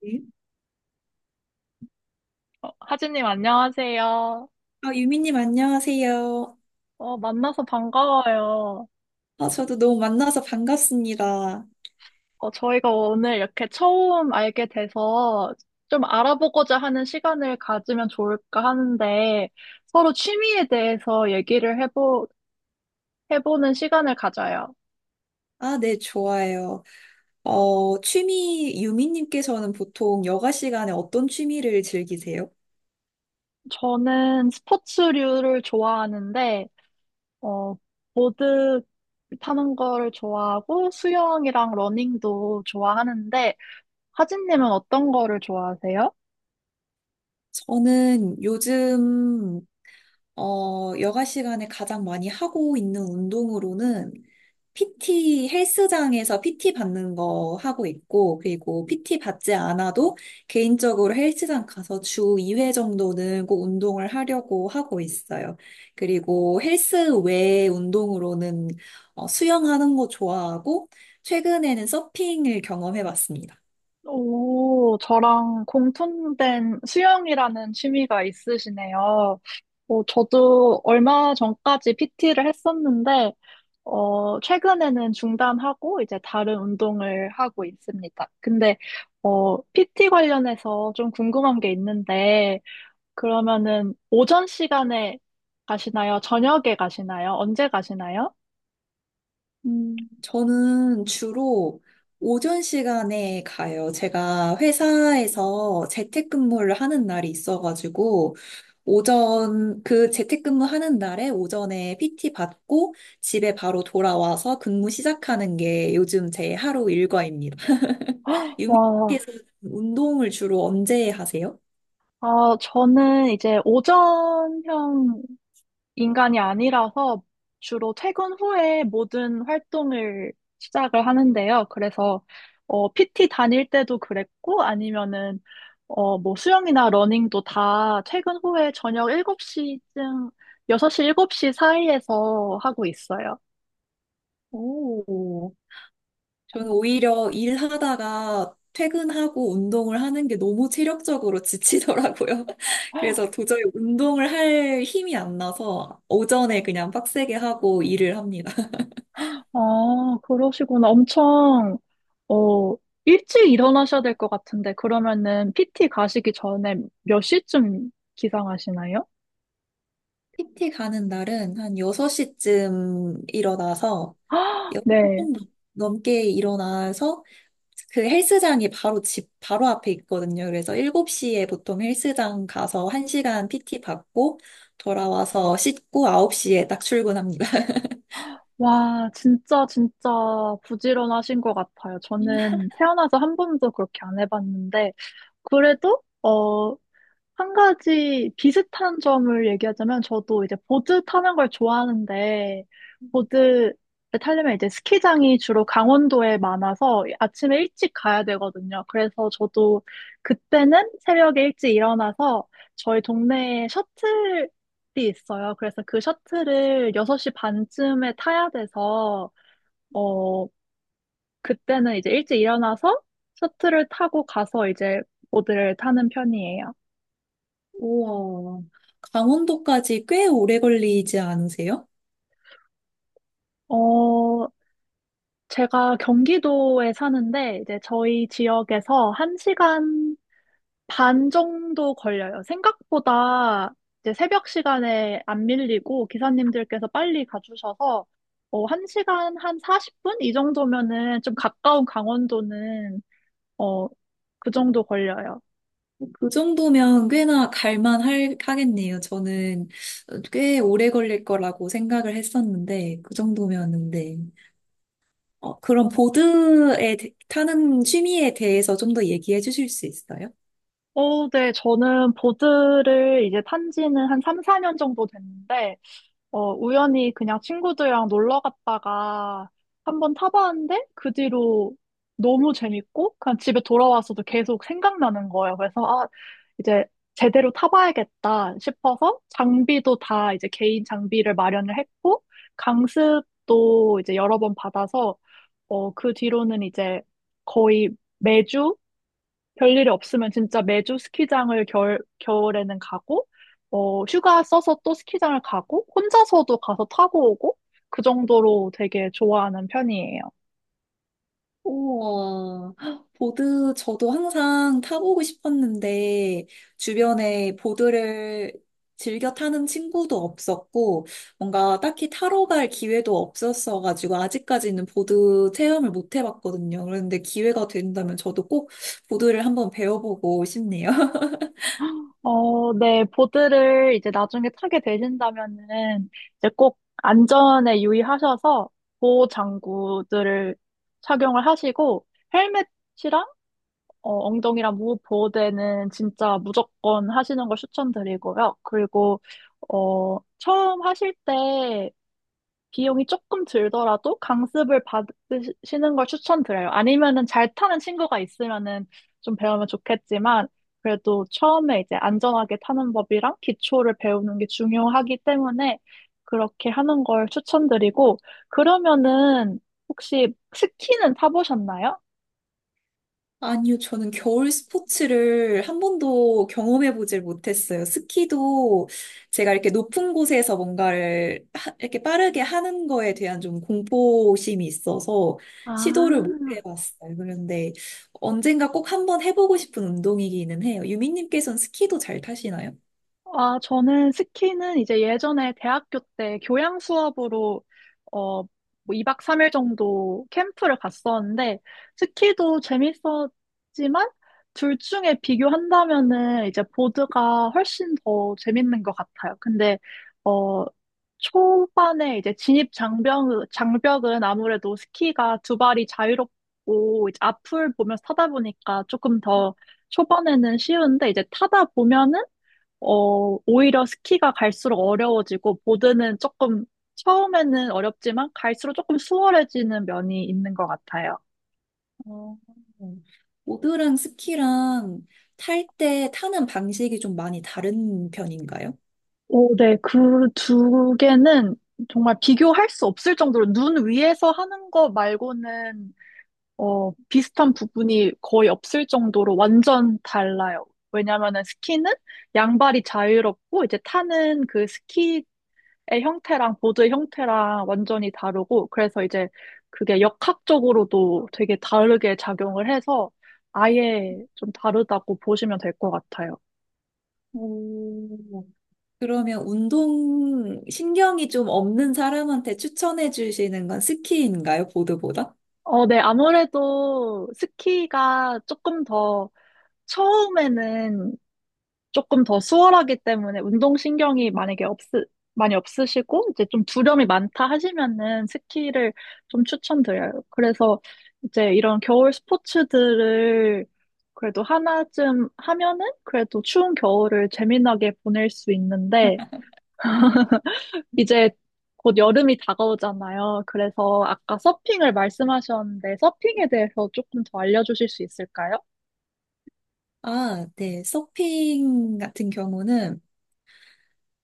네. 하진님, 안녕하세요. 아, 유미님, 안녕하세요. 만나서 반가워요. 아, 저도 너무 만나서 반갑습니다. 저희가 오늘 이렇게 처음 알게 돼서 좀 알아보고자 하는 시간을 가지면 좋을까 하는데 서로 취미에 대해서 해보는 시간을 가져요. 아, 네, 좋아요. 취미, 유미님께서는 보통 여가 시간에 어떤 취미를 즐기세요? 저는 스포츠류를 좋아하는데, 어, 보드 타는 거를 좋아하고 수영이랑 러닝도 좋아하는데, 하진님은 어떤 거를 좋아하세요? 저는 요즘 여가 시간에 가장 많이 하고 있는 운동으로는 PT 헬스장에서 PT 받는 거 하고 있고, 그리고 PT 받지 않아도 개인적으로 헬스장 가서 주 2회 정도는 꼭 운동을 하려고 하고 있어요. 그리고 헬스 외 운동으로는 수영하는 거 좋아하고, 최근에는 서핑을 경험해 봤습니다. 오, 저랑 공통된 수영이라는 취미가 있으시네요. 저도 얼마 전까지 PT를 했었는데, 최근에는 중단하고 이제 다른 운동을 하고 있습니다. 근데, PT 관련해서 좀 궁금한 게 있는데, 그러면은 오전 시간에 가시나요? 저녁에 가시나요? 언제 가시나요? 저는 주로 오전 시간에 가요. 제가 회사에서 재택근무를 하는 날이 있어가지고, 오전, 그 재택근무 하는 날에 오전에 PT 받고 집에 바로 돌아와서 근무 시작하는 게 요즘 제 하루 일과입니다. 와, 유미씨에서 운동을 주로 언제 하세요? 아, 저는 이제 오전형 인간이 아니라서 주로 퇴근 후에 모든 활동을 시작을 하는데요. 그래서 PT 다닐 때도 그랬고 아니면은 뭐 수영이나 러닝도 다 퇴근 후에 저녁 일곱 시쯤 여섯 시쯤 6시, 7시 사이에서 하고 있어요. 오. 저는 오히려 일하다가 퇴근하고 운동을 하는 게 너무 체력적으로 지치더라고요. 그래서 도저히 운동을 할 힘이 안 나서 오전에 그냥 빡세게 하고 일을 합니다. 아, 그러시구나. 엄청 어, 일찍 일어나셔야 될 것 같은데 그러면은 PT 가시기 전에 몇 시쯤 기상하시나요? PT 가는 날은 한 6시쯤 일어나서 6시 네. 좀 넘- 넘게 일어나서 그 헬스장이 바로 집 바로 앞에 있거든요. 그래서 7시에 보통 헬스장 가서 1시간 PT 받고 돌아와서 씻고 9시에 딱 출근합니다. 와, 진짜, 진짜 부지런하신 것 같아요. 저는 태어나서 한 번도 그렇게 안 해봤는데, 그래도, 한 가지 비슷한 점을 얘기하자면 저도 이제 보드 타는 걸 좋아하는데 보드 타려면 이제 스키장이 주로 강원도에 많아서 아침에 일찍 가야 되거든요. 그래서 저도 그때는 새벽에 일찍 일어나서 저희 동네에 셔틀이 있어요. 그래서 그 셔틀을 6시 반쯤에 타야 돼서 어 그때는 이제 일찍 일어나서 셔틀을 타고 가서 이제 보드를 타는 편이에요. 우와. 강원도까지 꽤 오래 걸리지 않으세요? 어, 제가 경기도에 사는데 이제 저희 지역에서 한 시간 반 정도 걸려요. 생각보다 이제 새벽 시간에 안 밀리고 기사님들께서 빨리 가주셔서 한 시간 한 40분? 이 정도면은 좀 가까운 강원도는 어, 그 정도 걸려요. 그 정도면 하겠네요. 저는 꽤 오래 걸릴 거라고 생각을 했었는데, 그 정도면은, 네. 그럼 타는 취미에 대해서 좀 더 얘기해 주실 수 있어요? 어, 네, 저는 보드를 이제 탄 지는 한 3, 4년 정도 됐는데 우연히 그냥 친구들이랑 놀러 갔다가 한번 타봤는데 그 뒤로 너무 재밌고 그냥 집에 돌아와서도 계속 생각나는 거예요. 그래서 아, 이제 제대로 타봐야겠다 싶어서 장비도 다 이제 개인 장비를 마련을 했고 강습도 이제 여러 번 받아서 그 뒤로는 이제 거의 매주 별일이 없으면 진짜 매주 스키장을 겨울에는 가고, 휴가 써서 또 스키장을 가고, 혼자서도 가서 타고 오고, 그 정도로 되게 좋아하는 편이에요. 우와, 보드 저도 항상 타보고 싶었는데 주변에 보드를 즐겨 타는 친구도 없었고 뭔가 딱히 타러 갈 기회도 없었어가지고 아직까지는 보드 체험을 못 해봤거든요. 그런데 기회가 된다면 저도 꼭 보드를 한번 배워보고 싶네요. 어, 네, 보드를 이제 나중에 타게 되신다면은, 이제 꼭 안전에 유의하셔서 보호 장구들을 착용을 하시고, 헬멧 이랑 엉덩이랑 무릎 보호대는 진짜 무조건 하시는 걸 추천드리고요. 그리고, 처음 하실 때 비용이 조금 들더라도 강습을 받으시는 걸 추천드려요. 아니면은 잘 타는 친구가 있으면은 좀 배우면 좋겠지만, 그래도 처음에 이제 안전하게 타는 법이랑 기초를 배우는 게 중요하기 때문에 그렇게 하는 걸 추천드리고, 그러면은 혹시 스키는 타보셨나요? 아니요, 저는 겨울 스포츠를 한 번도 경험해보질 못했어요. 스키도 제가 이렇게 높은 곳에서 이렇게 빠르게 하는 거에 대한 좀 공포심이 있어서 시도를 못 아, 해봤어요. 그런데 언젠가 꼭 한 번 해보고 싶은 운동이기는 해요. 유민님께서는 스키도 잘 타시나요? 아, 저는 스키는 이제 예전에 대학교 때 교양 수업으로 뭐 2박 3일 정도 캠프를 갔었는데 스키도 재밌었지만 둘 중에 비교한다면은 이제 보드가 훨씬 더 재밌는 것 같아요. 근데 어, 초반에 이제 장벽은 아무래도 스키가 두 발이 자유롭고 이제 앞을 보면서 타다 보니까 조금 더 초반에는 쉬운데 이제 타다 보면은 오히려 스키가 갈수록 어려워지고, 보드는 조금, 처음에는 어렵지만, 갈수록 조금 수월해지는 면이 있는 것 같아요. 어, 보드랑 스키랑 탈 때 타는 방식이 좀 많이 다른 편인가요? 오, 네. 그 두 개는 정말 비교할 수 없을 정도로 눈 위에서 하는 거 말고는, 비슷한 부분이 거의 없을 정도로 완전 달라요. 왜냐면은 스키는 양발이 자유롭고, 이제 타는 그 스키 형태랑 보드의 형태랑 완전히 다르고 그래서 이제 그게 역학적으로도 되게 다르게 작용을 해서 아예 좀 다르다고 보시면 될 것 같아요. 오, 그러면 운동 신경이 좀 없는 사람한테 추천해 주시는 건 스키인가요? 보드보다? 어, 네, 아무래도 스키가 조금 더 처음에는 조금 더 수월하기 때문에 운동신경이 많이 없으시고, 이제 좀 두려움이 많다 하시면은 스키를 좀 추천드려요. 그래서 이제 이런 겨울 스포츠들을 그래도 하나쯤 하면은 그래도 추운 겨울을 재미나게 보낼 수 있는데, 이제 곧 여름이 다가오잖아요. 그래서 아까 서핑을 말씀하셨는데 서핑에 대해서 조금 더 알려주실 수 있을까요? 아, 네. 서핑 같은 경우는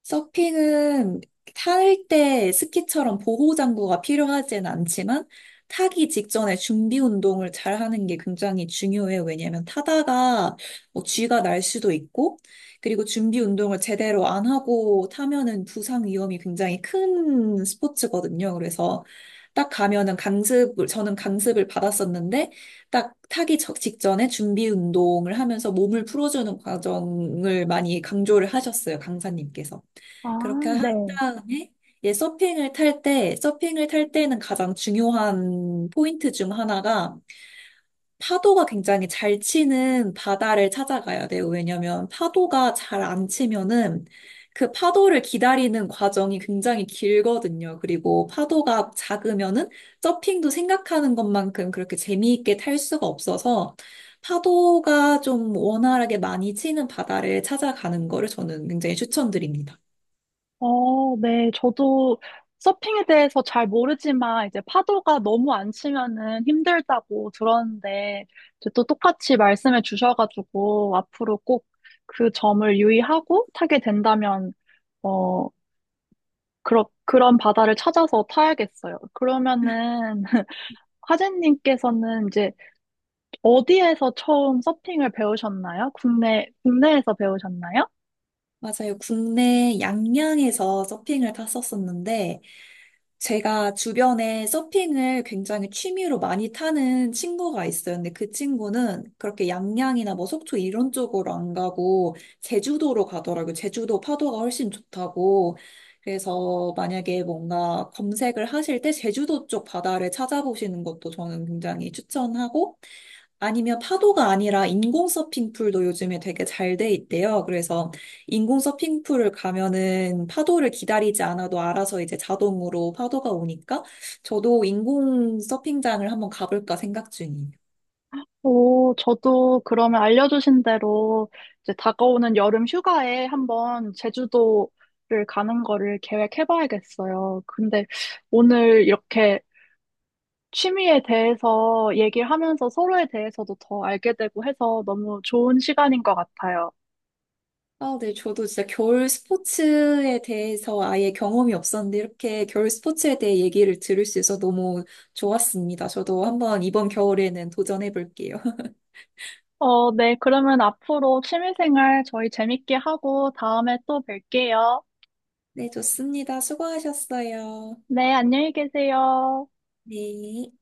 서핑은 탈 때 스키처럼 보호장구가 필요하진 않지만 타기 직전에 준비 운동을 잘 하는 게 굉장히 중요해요. 왜냐하면 타다가 뭐 쥐가 날 수도 있고, 그리고 준비 운동을 제대로 안 하고 타면은 부상 위험이 굉장히 큰 스포츠거든요. 그래서 딱 가면은 강습을, 저는 강습을 받았었는데, 딱 직전에 준비 운동을 하면서 몸을 풀어주는 과정을 많이 강조를 하셨어요, 강사님께서. 그렇게 아, 한 네. 다음에 예, 서핑을 탈 때는 가장 중요한 포인트 중 하나가 파도가 굉장히 잘 치는 바다를 찾아가야 돼요. 왜냐면 파도가 잘 안 치면은 그 파도를 기다리는 과정이 굉장히 길거든요. 그리고 파도가 작으면은 서핑도 생각하는 것만큼 그렇게 재미있게 탈 수가 없어서 파도가 좀 원활하게 많이 치는 바다를 찾아가는 거를 저는 굉장히 추천드립니다. 어, 네. 저도 서핑에 대해서 잘 모르지만 이제 파도가 너무 안 치면은 힘들다고 들었는데 이제 또 똑같이 말씀해 주셔가지고 앞으로 꼭 그 점을 유의하고 타게 된다면 어, 그런 바다를 찾아서 타야겠어요. 그러면은 화재님께서는 이제 어디에서 처음 서핑을 배우셨나요? 국내, 국내에서 배우셨나요? 맞아요. 국내 양양에서 서핑을 탔었었는데, 제가 주변에 서핑을 굉장히 취미로 많이 타는 친구가 있어요. 근데 그 친구는 그렇게 양양이나 뭐 속초 이런 쪽으로 안 가고, 제주도로 가더라고요. 제주도 파도가 훨씬 좋다고. 그래서 만약에 뭔가 검색을 하실 때 제주도 쪽 바다를 찾아보시는 것도 저는 굉장히 추천하고, 아니면 파도가 아니라 인공 서핑풀도 요즘에 되게 잘 돼 있대요. 그래서 인공 서핑풀을 가면은 파도를 기다리지 않아도 알아서 이제 자동으로 파도가 오니까 저도 인공 서핑장을 한번 가볼까 생각 중이에요. 오, 저도 그러면 알려주신 대로 이제 다가오는 여름 휴가에 한번 제주도를 가는 거를 계획해봐야겠어요. 근데 오늘 이렇게 취미에 대해서 얘기를 하면서 서로에 대해서도 더 알게 되고 해서 너무 좋은 시간인 것 같아요. 아, 네. 저도 진짜 겨울 스포츠에 대해서 아예 경험이 없었는데 이렇게 겨울 스포츠에 대해 얘기를 들을 수 있어서 너무 좋았습니다. 저도 한번 이번 겨울에는 도전해 볼게요. 어, 네, 그러면 앞으로 취미생활 저희 재밌게 하고 다음에 또 뵐게요. 네, 좋습니다. 수고하셨어요. 네, 안녕히 계세요. 네.